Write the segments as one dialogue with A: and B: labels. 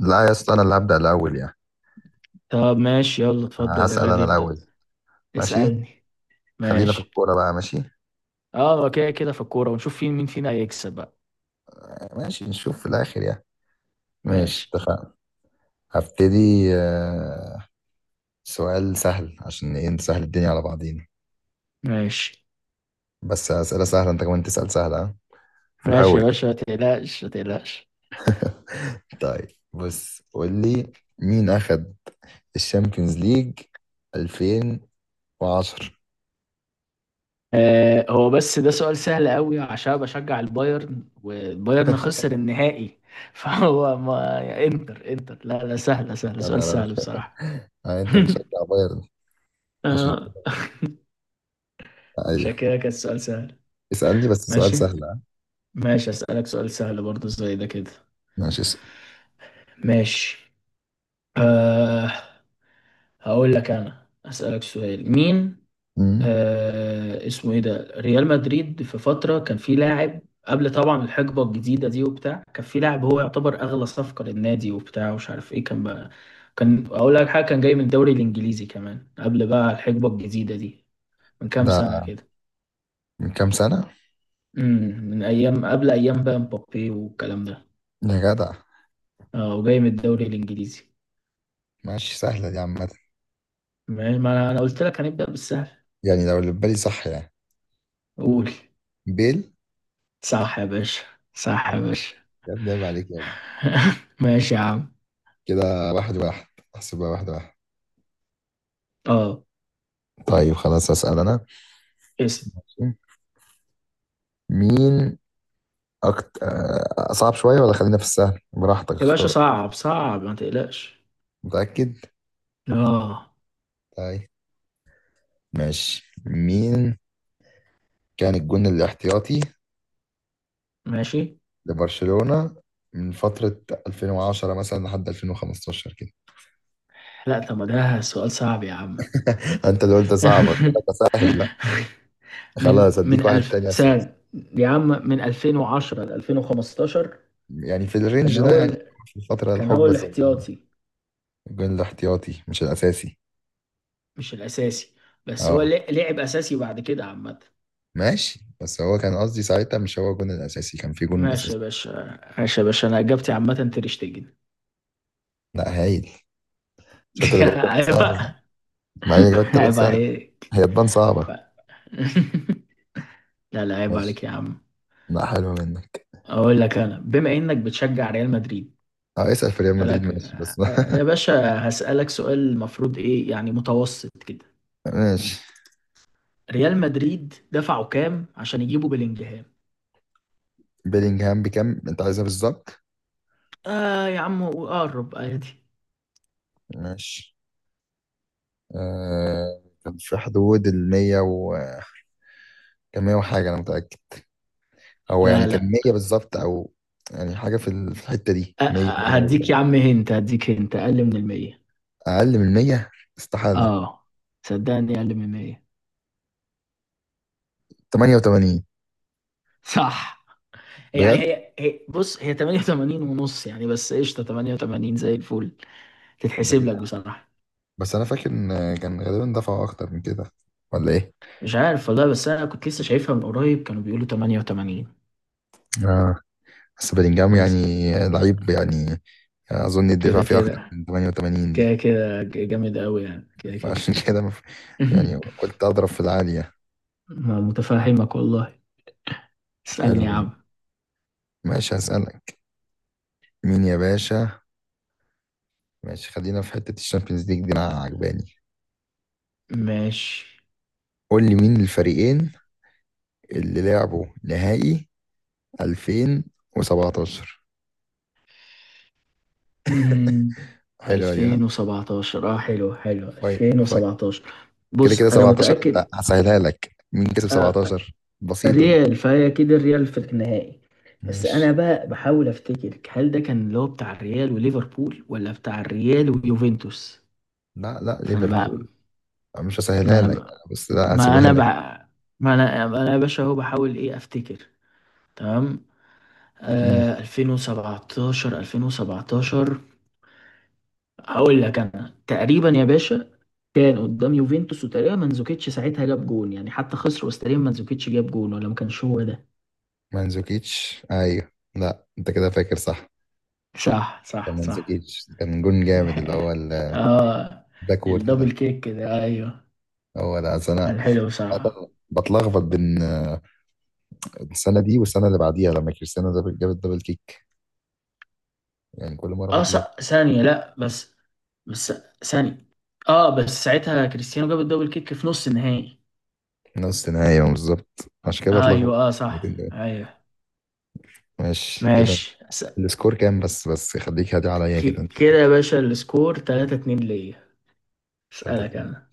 A: لا يا اسطى انا اللي هبدأ الاول يعني.
B: طب ماشي، يلا اتفضل يا
A: هسأل انا
B: غالي ابدأ.
A: الاول. ماشي.
B: اسألني.
A: خلينا في
B: ماشي.
A: الكورة بقى. ماشي
B: اه كده كده في الكورة ونشوف فين مين فينا هيكسب بقى.
A: ماشي، نشوف في الاخر يعني. ماشي
B: ماشي.
A: اتفقنا. هبتدي. سؤال سهل، عشان ايه؟ نسهل الدنيا على بعضينا.
B: ماشي.
A: بس أسئلة سهلة، انت كمان تسأل سهلة، ها؟ في
B: ماشي
A: الاول.
B: يا باشا ما تقلقش ما تقلقش.
A: طيب بص، قول لي مين اخد الشامبيونز ليج 2010؟
B: آه هو بس ده سؤال سهل قوي عشان بشجع البايرن والبايرن خسر النهائي فهو ما انتر لا لا سهلة سهلة،
A: يا
B: سؤال
A: نهار
B: سهل
A: أبيض.
B: بصراحة.
A: انت بتشجع بايرن؟ عشان
B: اه
A: كده. ايوه.
B: عشان كده كان السؤال سهل.
A: اسألني بس سؤال
B: ماشي.
A: سهل، ها؟
B: ماشي أسألك سؤال سهل برضه زي ده كده.
A: ماشي اسأل.
B: ماشي. آه هقول لك، انا اسالك سؤال مين.
A: مم.
B: آه اسمه ايه ده، ريال مدريد في فتره كان في لاعب قبل طبعا الحقبه الجديده دي وبتاع، كان في لاعب هو يعتبر اغلى صفقه للنادي وبتاع ومش عارف ايه كان بقى. كان اقول لك حاجه، كان جاي من الدوري الانجليزي كمان قبل بقى الحقبه الجديده دي. من كام
A: ده
B: سنه كده.
A: من كام سنة؟
B: من ايام قبل ايام بقى مبابي والكلام ده.
A: يا جدع.
B: اه وجاي من الدوري الانجليزي.
A: ماشي سهلة دي عامة.
B: ما انا قلت لك هنبدا بالسهل.
A: يعني لو اللي في بالي صح يعني،
B: قول.
A: بيل.
B: صح يا باشا. صح يا
A: تمام.
B: باشا.
A: يا ابني عيب عليك يا ابني.
B: ماشي يا عم.
A: كده واحد واحد. احسبها واحد واحد.
B: اه
A: طيب خلاص أسأل أنا.
B: اسم.
A: مين أكتر؟ صعب شوية ولا خلينا في السهل؟ براحتك
B: يا باشا
A: اختار.
B: صعب صعب ما تقلقش.
A: متأكد؟
B: اه.
A: طيب. ماشي، مين كان الجون الاحتياطي
B: ماشي.
A: لبرشلونة من فترة 2010 مثلا لحد 2015 كده؟
B: لا طب ما ده سؤال صعب يا عم.
A: انت اللي قلت صعب، قلت لك اسهل بقى.
B: من
A: خلاص اديك
B: من
A: واحد
B: ألف
A: تاني اسهل.
B: سنة يا عم من 2010 ل 2015.
A: يعني في
B: كان
A: الرينج ده
B: هو
A: يعني،
B: ال...
A: في الفترة
B: كان هو
A: الحقبة الزمنية.
B: الاحتياطي
A: الجون الاحتياطي مش الأساسي.
B: مش الأساسي. بس
A: اه.
B: هو لعب أساسي بعد كده عامة.
A: ماشي بس هو كان قصدي ساعتها مش هو الجون الأساسي، كان في جون
B: ماشي
A: أساسي.
B: يا باشا، ماشي يا باشا، أنا إجابتي عامة تير شتيجن.
A: لا هايل. شفت اللي جابت ثلاث
B: عيب
A: ساعات ده؟
B: بقى.
A: مع اني جابت ثلاث
B: عيب
A: ساعات.
B: عليك
A: هي تبان صعبة.
B: بقى. لا لا عيب عليك
A: ماشي.
B: يا عم.
A: لا حلوة منك.
B: اقول لك، انا بما انك بتشجع ريال مدريد
A: اه اسأل في ريال مدريد،
B: اسالك،
A: ماشي بس.
B: آه، يا باشا هسالك سؤال المفروض ايه يعني متوسط كده.
A: ماشي.
B: ريال مدريد دفعوا كام عشان يجيبوا بلينجهام؟
A: بيلينغهام بكام؟ انت عايزها بالظبط؟
B: اه يا عم وقرب عادي.
A: ماشي. آه كان في حدود ال 100 و، كان 100 وحاجة انا متأكد. هو يعني
B: لا
A: كان
B: لا،
A: 100 بالظبط او، يعني حاجه في الحته دي،
B: آه،
A: 100
B: آه، هديك يا
A: 103.
B: عم هنت، هديك هنت اقل من المية.
A: اقل من 100 استحاله.
B: اه. صدقني اقل من المية.
A: 88.
B: صح. يعني
A: بجد؟
B: هي هي بص هي 88 ونص يعني، بس قشطة 88 زي الفل،
A: ده إيه
B: تتحسب لك
A: ده؟
B: بصراحة.
A: بس انا فاكر ان كان غالبا دفعوا اكتر من كده، ولا ايه؟
B: مش عارف والله، بس انا كنت لسه شايفها من قريب كانوا بيقولوا 88
A: اه، بس بلينجهام
B: بس.
A: يعني، لعيب يعني. اظن الدفع
B: كده
A: فيه اكتر
B: كده.
A: من 88 دي.
B: كده كده جامد قوي يعني، كده
A: فعشان
B: كده.
A: كده يعني قلت اضرب في العاليه.
B: ما متفهمك والله.
A: حلو
B: اسألني يا
A: منه.
B: عم.
A: ماشي هسألك. مين يا باشا؟ ماشي خلينا في حته الشامبيونز ليج دي، انا عجباني.
B: ماشي.
A: قول لي مين الفريقين اللي لعبوا نهائي 2017؟ حلوة دي، ها.
B: 2017. اه حلو حلو
A: فاين فاين.
B: 2017.
A: كده كده
B: بص انا
A: 17، انت
B: متأكد.
A: هسهلها لك، مين كسب
B: آه
A: 17؟ بسيطة دي.
B: ريال، فهي كده الريال في النهائي. بس
A: مش
B: انا بقى بحاول افتكر هل ده كان اللي هو بتاع الريال وليفربول ولا بتاع الريال ويوفنتوس.
A: لا لا،
B: فانا بقى
A: ليفربول. مش هسهلها
B: ما
A: لك
B: انا
A: أنا، بس لا
B: ما
A: هسيبها
B: انا
A: لك.
B: بح... ما انا ما انا يا باشا اهو بحاول ايه افتكر. تمام.
A: مم.
B: آه 2017، 2017، هقول لك انا تقريبا يا باشا. كان قدام يوفنتوس، وتقريبا منزوكيتش ساعتها جاب جون يعني، حتى خسر، بس تقريبا منزوكيتش جاب جون ولا ما كانش هو ده.
A: مانزوكيتش، ايوه لا انت كده فاكر صح.
B: صح
A: كان
B: صح صح.
A: مانزوكيتش كان جون جامد، اللي هو
B: اه
A: الباكورد
B: الدبل
A: ده.
B: كيك كده، ايوه.
A: هو ده أصل انا
B: كان حلو صح.
A: عادة بتلخبط بين السنة دي والسنة اللي بعديها، لما كريستيانو ده جاب الدبل كيك. يعني كل مرة
B: اه
A: بتلخبط.
B: صح ثانية لا بس، بس ثانية. اه بس ساعتها كريستيانو جاب الدبل كيك في نص النهائي.
A: نص نهائي، بالظبط عشان كده بتلخبط
B: ايوه اه صح
A: الاتنين دول.
B: ايوه.
A: ماشي كده.
B: ماشي.
A: السكور كام؟ بس خليك هادي عليا كده نشوف.
B: كده يا باشا السكور 3 2 ليا.
A: تلاتة
B: اسالك
A: تلاتة.
B: انا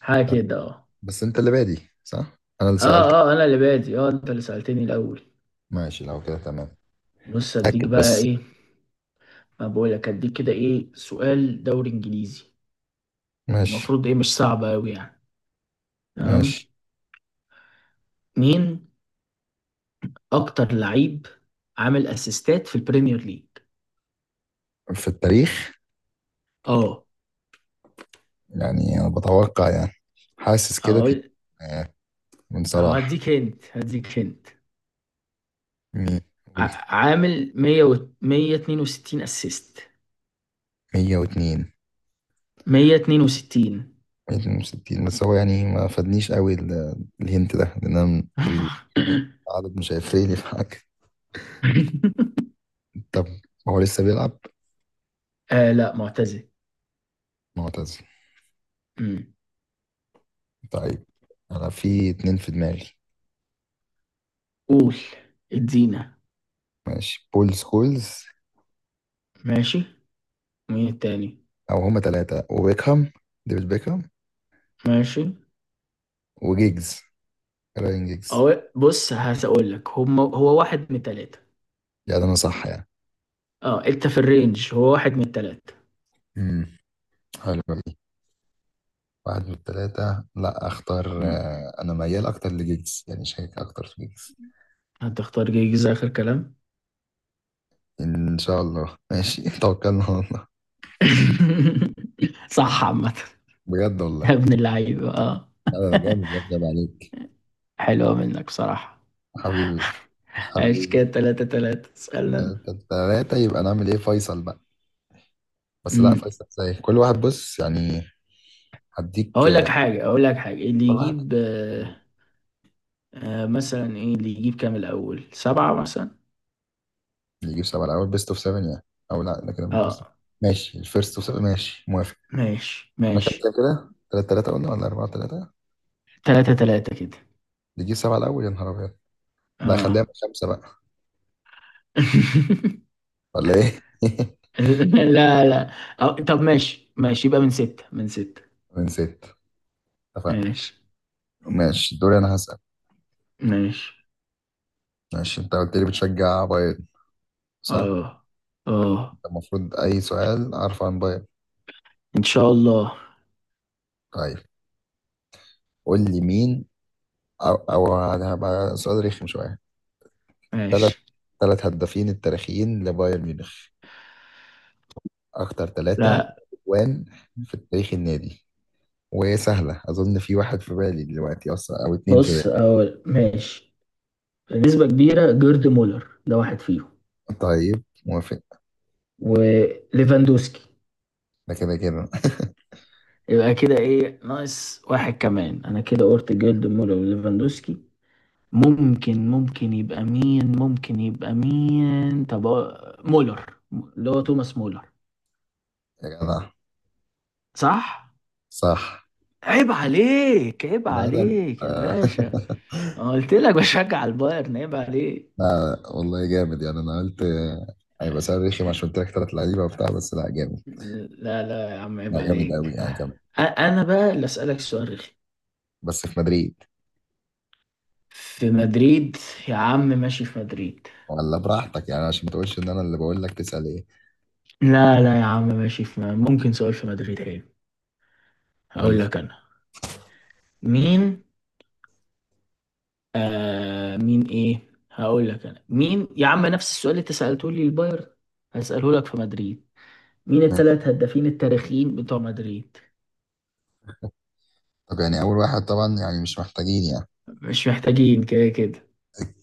B: حاجه
A: طيب،
B: كده اه.
A: بس انت اللي بادي صح؟ انا اللي
B: اه.
A: سألت.
B: اه انا اللي بادي، اه انت اللي سالتني الاول.
A: ماشي لو كده تمام.
B: بص اديك
A: أكد
B: بقى
A: بس.
B: ايه. ما بقول لك اديك كده، ايه سؤال دوري انجليزي.
A: ماشي.
B: المفروض ايه، مش صعب قوي يعني. تمام.
A: ماشي
B: مين اكتر لعيب عامل اسيستات في البريمير ليج؟
A: في التاريخ.
B: اه
A: يعني انا بتوقع يعني، حاسس كده
B: اقول
A: آه، من صلاح.
B: هديك هنت
A: مين؟ قول.
B: عامل 100 و 162 اسيست.
A: 102.
B: 162.
A: 162. بس هو يعني ما فادنيش قوي الهنت ده، لان انا م- العدد مش هيفرق لي في حاجه. طب هو لسه بيلعب؟
B: آه لا معتزل.
A: معتزل.
B: أمم.
A: طيب انا في اتنين في دماغي.
B: قول. ادينا.
A: ماشي، بول سكولز.
B: ماشي. مين التاني؟
A: او هما تلاتة، وبيكهام، ديفيد بيكهام.
B: ماشي.
A: وجيجز، راين جيجز.
B: أو بص، هقول لك هم هو واحد من التلاتة.
A: يعني انا صح يعني؟
B: اه انت في الرينج، هو واحد من التلاتة.
A: امم حلو دي. واحد من التلاتة، لا اختار
B: أمم.
A: آه، انا ميال اكتر لجيجز، يعني شاكك اكتر في جيجز.
B: هتختار جيجز اخر كلام؟
A: ان شاء الله، ماشي. توكلنا على الله.
B: صح عامة.
A: بجد
B: يا
A: والله.
B: ابن اللعيب اه.
A: لا ده انا جامد يا ابني، عيب عليك.
B: حلوة منك بصراحة.
A: حبيبي
B: عايش
A: حبيبي.
B: كده تلاتة تلاتة. اسألنا أنا.
A: تلاتة تلاتة، يبقى نعمل ايه فيصل بقى؟ بس لا،
B: أمم.
A: فيصل زي كل واحد بص يعني. هديك
B: اقول لك حاجه، اقول لك حاجه، اللي
A: واحدة.
B: يجيب آه، آه مثلا ايه اللي يجيب كام الاول، سبعة مثلا.
A: اللي يجيب سبعة الأول، بيست أوف سفن يعني. لا ده كده بيست أوف.
B: اه.
A: ماشي، الفيرست أوف سفن، ماشي موافق.
B: ماشي
A: احنا كام
B: ماشي.
A: كام كده؟ تلاتة تلاتة قلنا ولا أربعة تلاتة؟ اللي
B: تلاتة تلاتة كده.
A: يجيب سبعة الأول، يا نهار أبيض. لا خليها من
B: اه.
A: خمسة بقى، ولا إيه؟
B: لا لا. أو طب ماشي ماشي، يبقى من ستة، من ستة.
A: من ستة، اتفقنا.
B: ماشي.
A: ماشي دوري أنا هسأل.
B: ماشي.
A: ماشي، أنت قلت لي بتشجع بايرن صح؟
B: اه. اه.
A: أنت المفروض أي سؤال أعرفه عن بايرن.
B: ان شاء الله.
A: طيب قول لي مين، أو هبقى سؤال رخم شوية. التلات
B: ماشي.
A: تلات هدافين التاريخيين لبايرن ميونخ، أكتر ثلاثة
B: لا
A: أجوان في تاريخ النادي. وسهلة، أظن في واحد في بالي دلوقتي أصلا، أو اتنين في بالي.
B: بص، اول ماشي، نسبة كبيرة جيرد مولر ده واحد فيهم.
A: طيب موافق.
B: وليفاندوسكي.
A: ده كده كده.
B: يبقى كده ايه ناقص واحد كمان، انا كده قلت جولد مولر وليفاندوسكي. ممكن يبقى مين، ممكن يبقى مين؟ طب مولر اللي هو توماس مولر.
A: يا جماعة،
B: صح.
A: صح.
B: عيب عليك، عيب
A: لا ده
B: عليك يا
A: آه.
B: باشا. أنا قلت لك بشجع البايرن، عيب عليك.
A: لا والله جامد يعني، أنا قلت هيبقى سؤال رخم عشان قلت لك تلات لعيبة وبتاع، بس لا جامد.
B: لا لا يا عم
A: لا
B: عيب
A: جامد أوي
B: عليك،
A: يعني، جامد.
B: انا بقى اللي اسالك سؤال رخي.
A: بس في مدريد،
B: في مدريد. يا عم ماشي في مدريد.
A: ولا براحتك يعني عشان ما تقولش إن أنا اللي بقول لك تسأل إيه.
B: لا لا يا عم ماشي ممكن سؤال في مدريد حلو.
A: قول
B: هقول
A: لي.
B: لك انا مين، آه مين ايه، هقول لك انا مين يا عم، نفس السؤال اللي انت سألته لي البايرن هسأله لك في مدريد. مين
A: ماشي.
B: الثلاث هدافين التاريخيين بتوع مدريد؟
A: طب يعني أول واحد طبعا يعني مش محتاجين يعني،
B: مش محتاجين كده كده.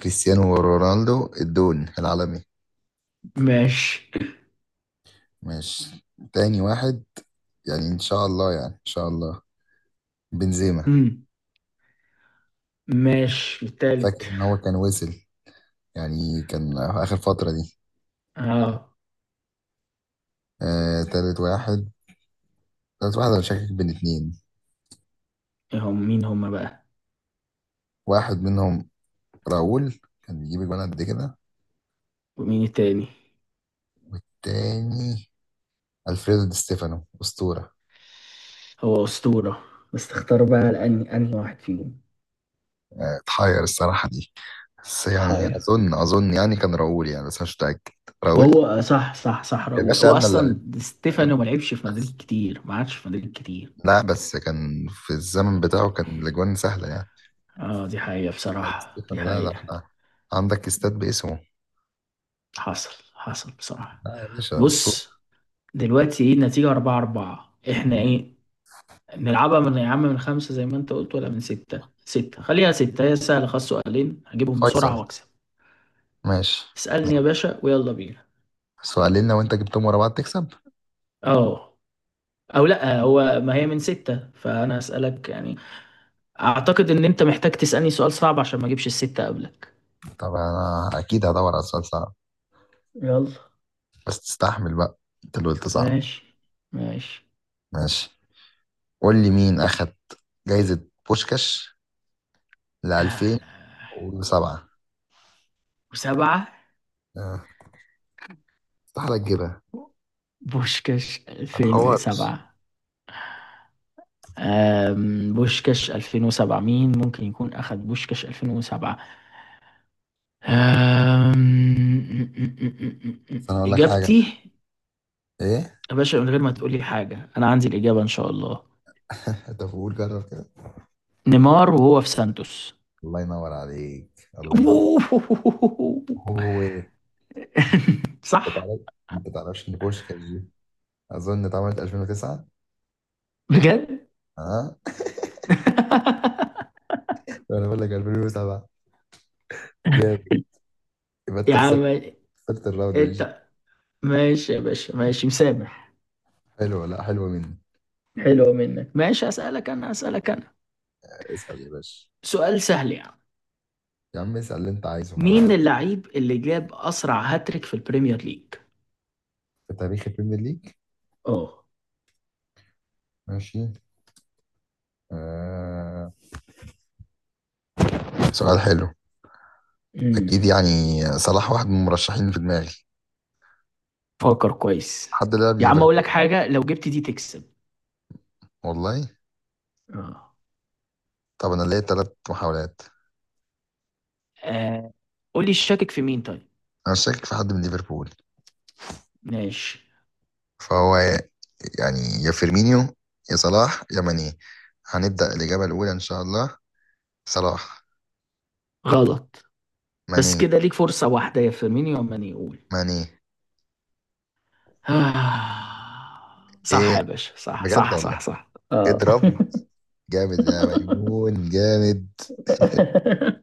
A: كريستيانو رونالدو الدون العالمي.
B: ماشي.
A: ماشي. تاني واحد، يعني ان شاء الله يعني ان شاء الله، بنزيما.
B: مم. ماشي التالت.
A: فاكر ان هو كان وصل، يعني كان اخر فترة دي.
B: اه.
A: آه تالت واحد. تالت واحد انا شاكك بين اتنين.
B: إيه هم، مين هم بقى؟
A: واحد منهم راؤول، كان بيجيب جوان قد كده.
B: ومين التاني؟
A: تاني، الفريدو دي ستيفانو، اسطورة.
B: هو أسطورة. بس تختار بقى لأني أنهي واحد فيهم.
A: اتحير الصراحة دي. بس يعني
B: تحاير.
A: اظن يعني كان راؤول يعني، بس مش متأكد. راؤول.
B: هو آه، صح صح صح،
A: يا
B: راؤول
A: باشا
B: هو
A: انا اللي،
B: أصلا، ستيفانو
A: أيوه.
B: ما لعبش في
A: بس
B: مدريد كتير، ما عادش في مدريد كتير.
A: لا، بس كان في الزمن بتاعه كان الاجوان سهلة يعني.
B: اه دي حقيقة
A: على
B: بصراحة، دي
A: ستيفانو، ده
B: حقيقة.
A: احنا عندك استاد باسمه.
B: حصل حصل بصراحة.
A: لا يا باشا، اسطوره.
B: بص دلوقتي ايه النتيجة؟ أربعة أربعة احنا ايه. نلعبها من، يا عم من خمسة زي ما انت قلت ولا من ستة؟ ستة خليها ستة، هي سهلة خلاص، سؤالين هجيبهم بسرعة
A: فيصل،
B: وأكسب.
A: ماشي.
B: اسألني يا باشا ويلا بينا.
A: سؤالين لو انت جبتهم ورا بعض تكسب.
B: اه. أو لأ هو ما هي من ستة، فأنا هسألك يعني أعتقد إن أنت محتاج تسألني سؤال صعب عشان ما أجيبش الستة قبلك.
A: طب انا اكيد هدور على سؤال صعب.
B: يلا.
A: بس تستحمل بقى، انت اللي قلت صعب.
B: ماشي. ماشي.
A: ماشي. قول لي مين اخد جايزة بوشكاش ل
B: آه، لا.
A: 2007؟
B: وسبعة.
A: آه، استحالة تجيبها.
B: بوشكاش
A: ما تحورش.
B: 2007. بوشكاش 2007، مين ممكن يكون أخذ بوشكاش 2007؟ أم،
A: بس انا اقول لك حاجة.
B: إجابتي،
A: ايه؟
B: يا باشا، من غير ما تقول لي حاجة أنا عندي الإجابة إن شاء الله.
A: انت بقول جرب كده.
B: نيمار وهو في سانتوس.
A: الله ينور عليك، الله ينور. هو ايه؟ انت
B: صح.
A: تعرف، انت تعرفش ان بوشكاش دي اظن اتعملت 2009؟
B: بجد.
A: ها. انا بقول لك 2007. جامد. يبقى انت
B: يا عم
A: خسرت، خسرت الراوند دي.
B: انت. ماشي يا باشا ماشي، مسامح.
A: حلوه. لا حلوه مني.
B: حلو منك. ماشي أسألك أنا، أسألك أنا،
A: اسال يا باشا.
B: سؤال سهل يعني.
A: يا عم اسال اللي انت عايزه
B: مين
A: انا.
B: اللعيب اللي جاب أسرع هاتريك في البريمير ليج؟
A: في تاريخ البريمير ليج؟
B: اه.
A: ماشي. آه... سؤال حلو. اكيد
B: امم
A: يعني، صلاح واحد من المرشحين في دماغي.
B: فكر كويس.
A: حد لعب
B: يا عم أقول لك
A: ليفربول.
B: حاجة، لو جبت دي تكسب.
A: والله.
B: اه.
A: طب انا ليا ثلاث محاولات.
B: آه. قول لي الشاكك في مين طيب؟
A: انا شاكك في حد من ليفربول.
B: ماشي.
A: فهو يعني، يا فيرمينيو يا صلاح يا ماني. هنبدأ الإجابة الأولى إن شاء الله، صلاح.
B: غلط. بس
A: ماني.
B: كده ليك فرصة واحدة، يا فيرمينيو يا ماني، يقول.
A: ماني.
B: آه. صح يا
A: ايه،
B: باشا صح
A: بجد
B: صح
A: والله.
B: صح صح اه.
A: اضرب. جامد يا ميمون، جامد.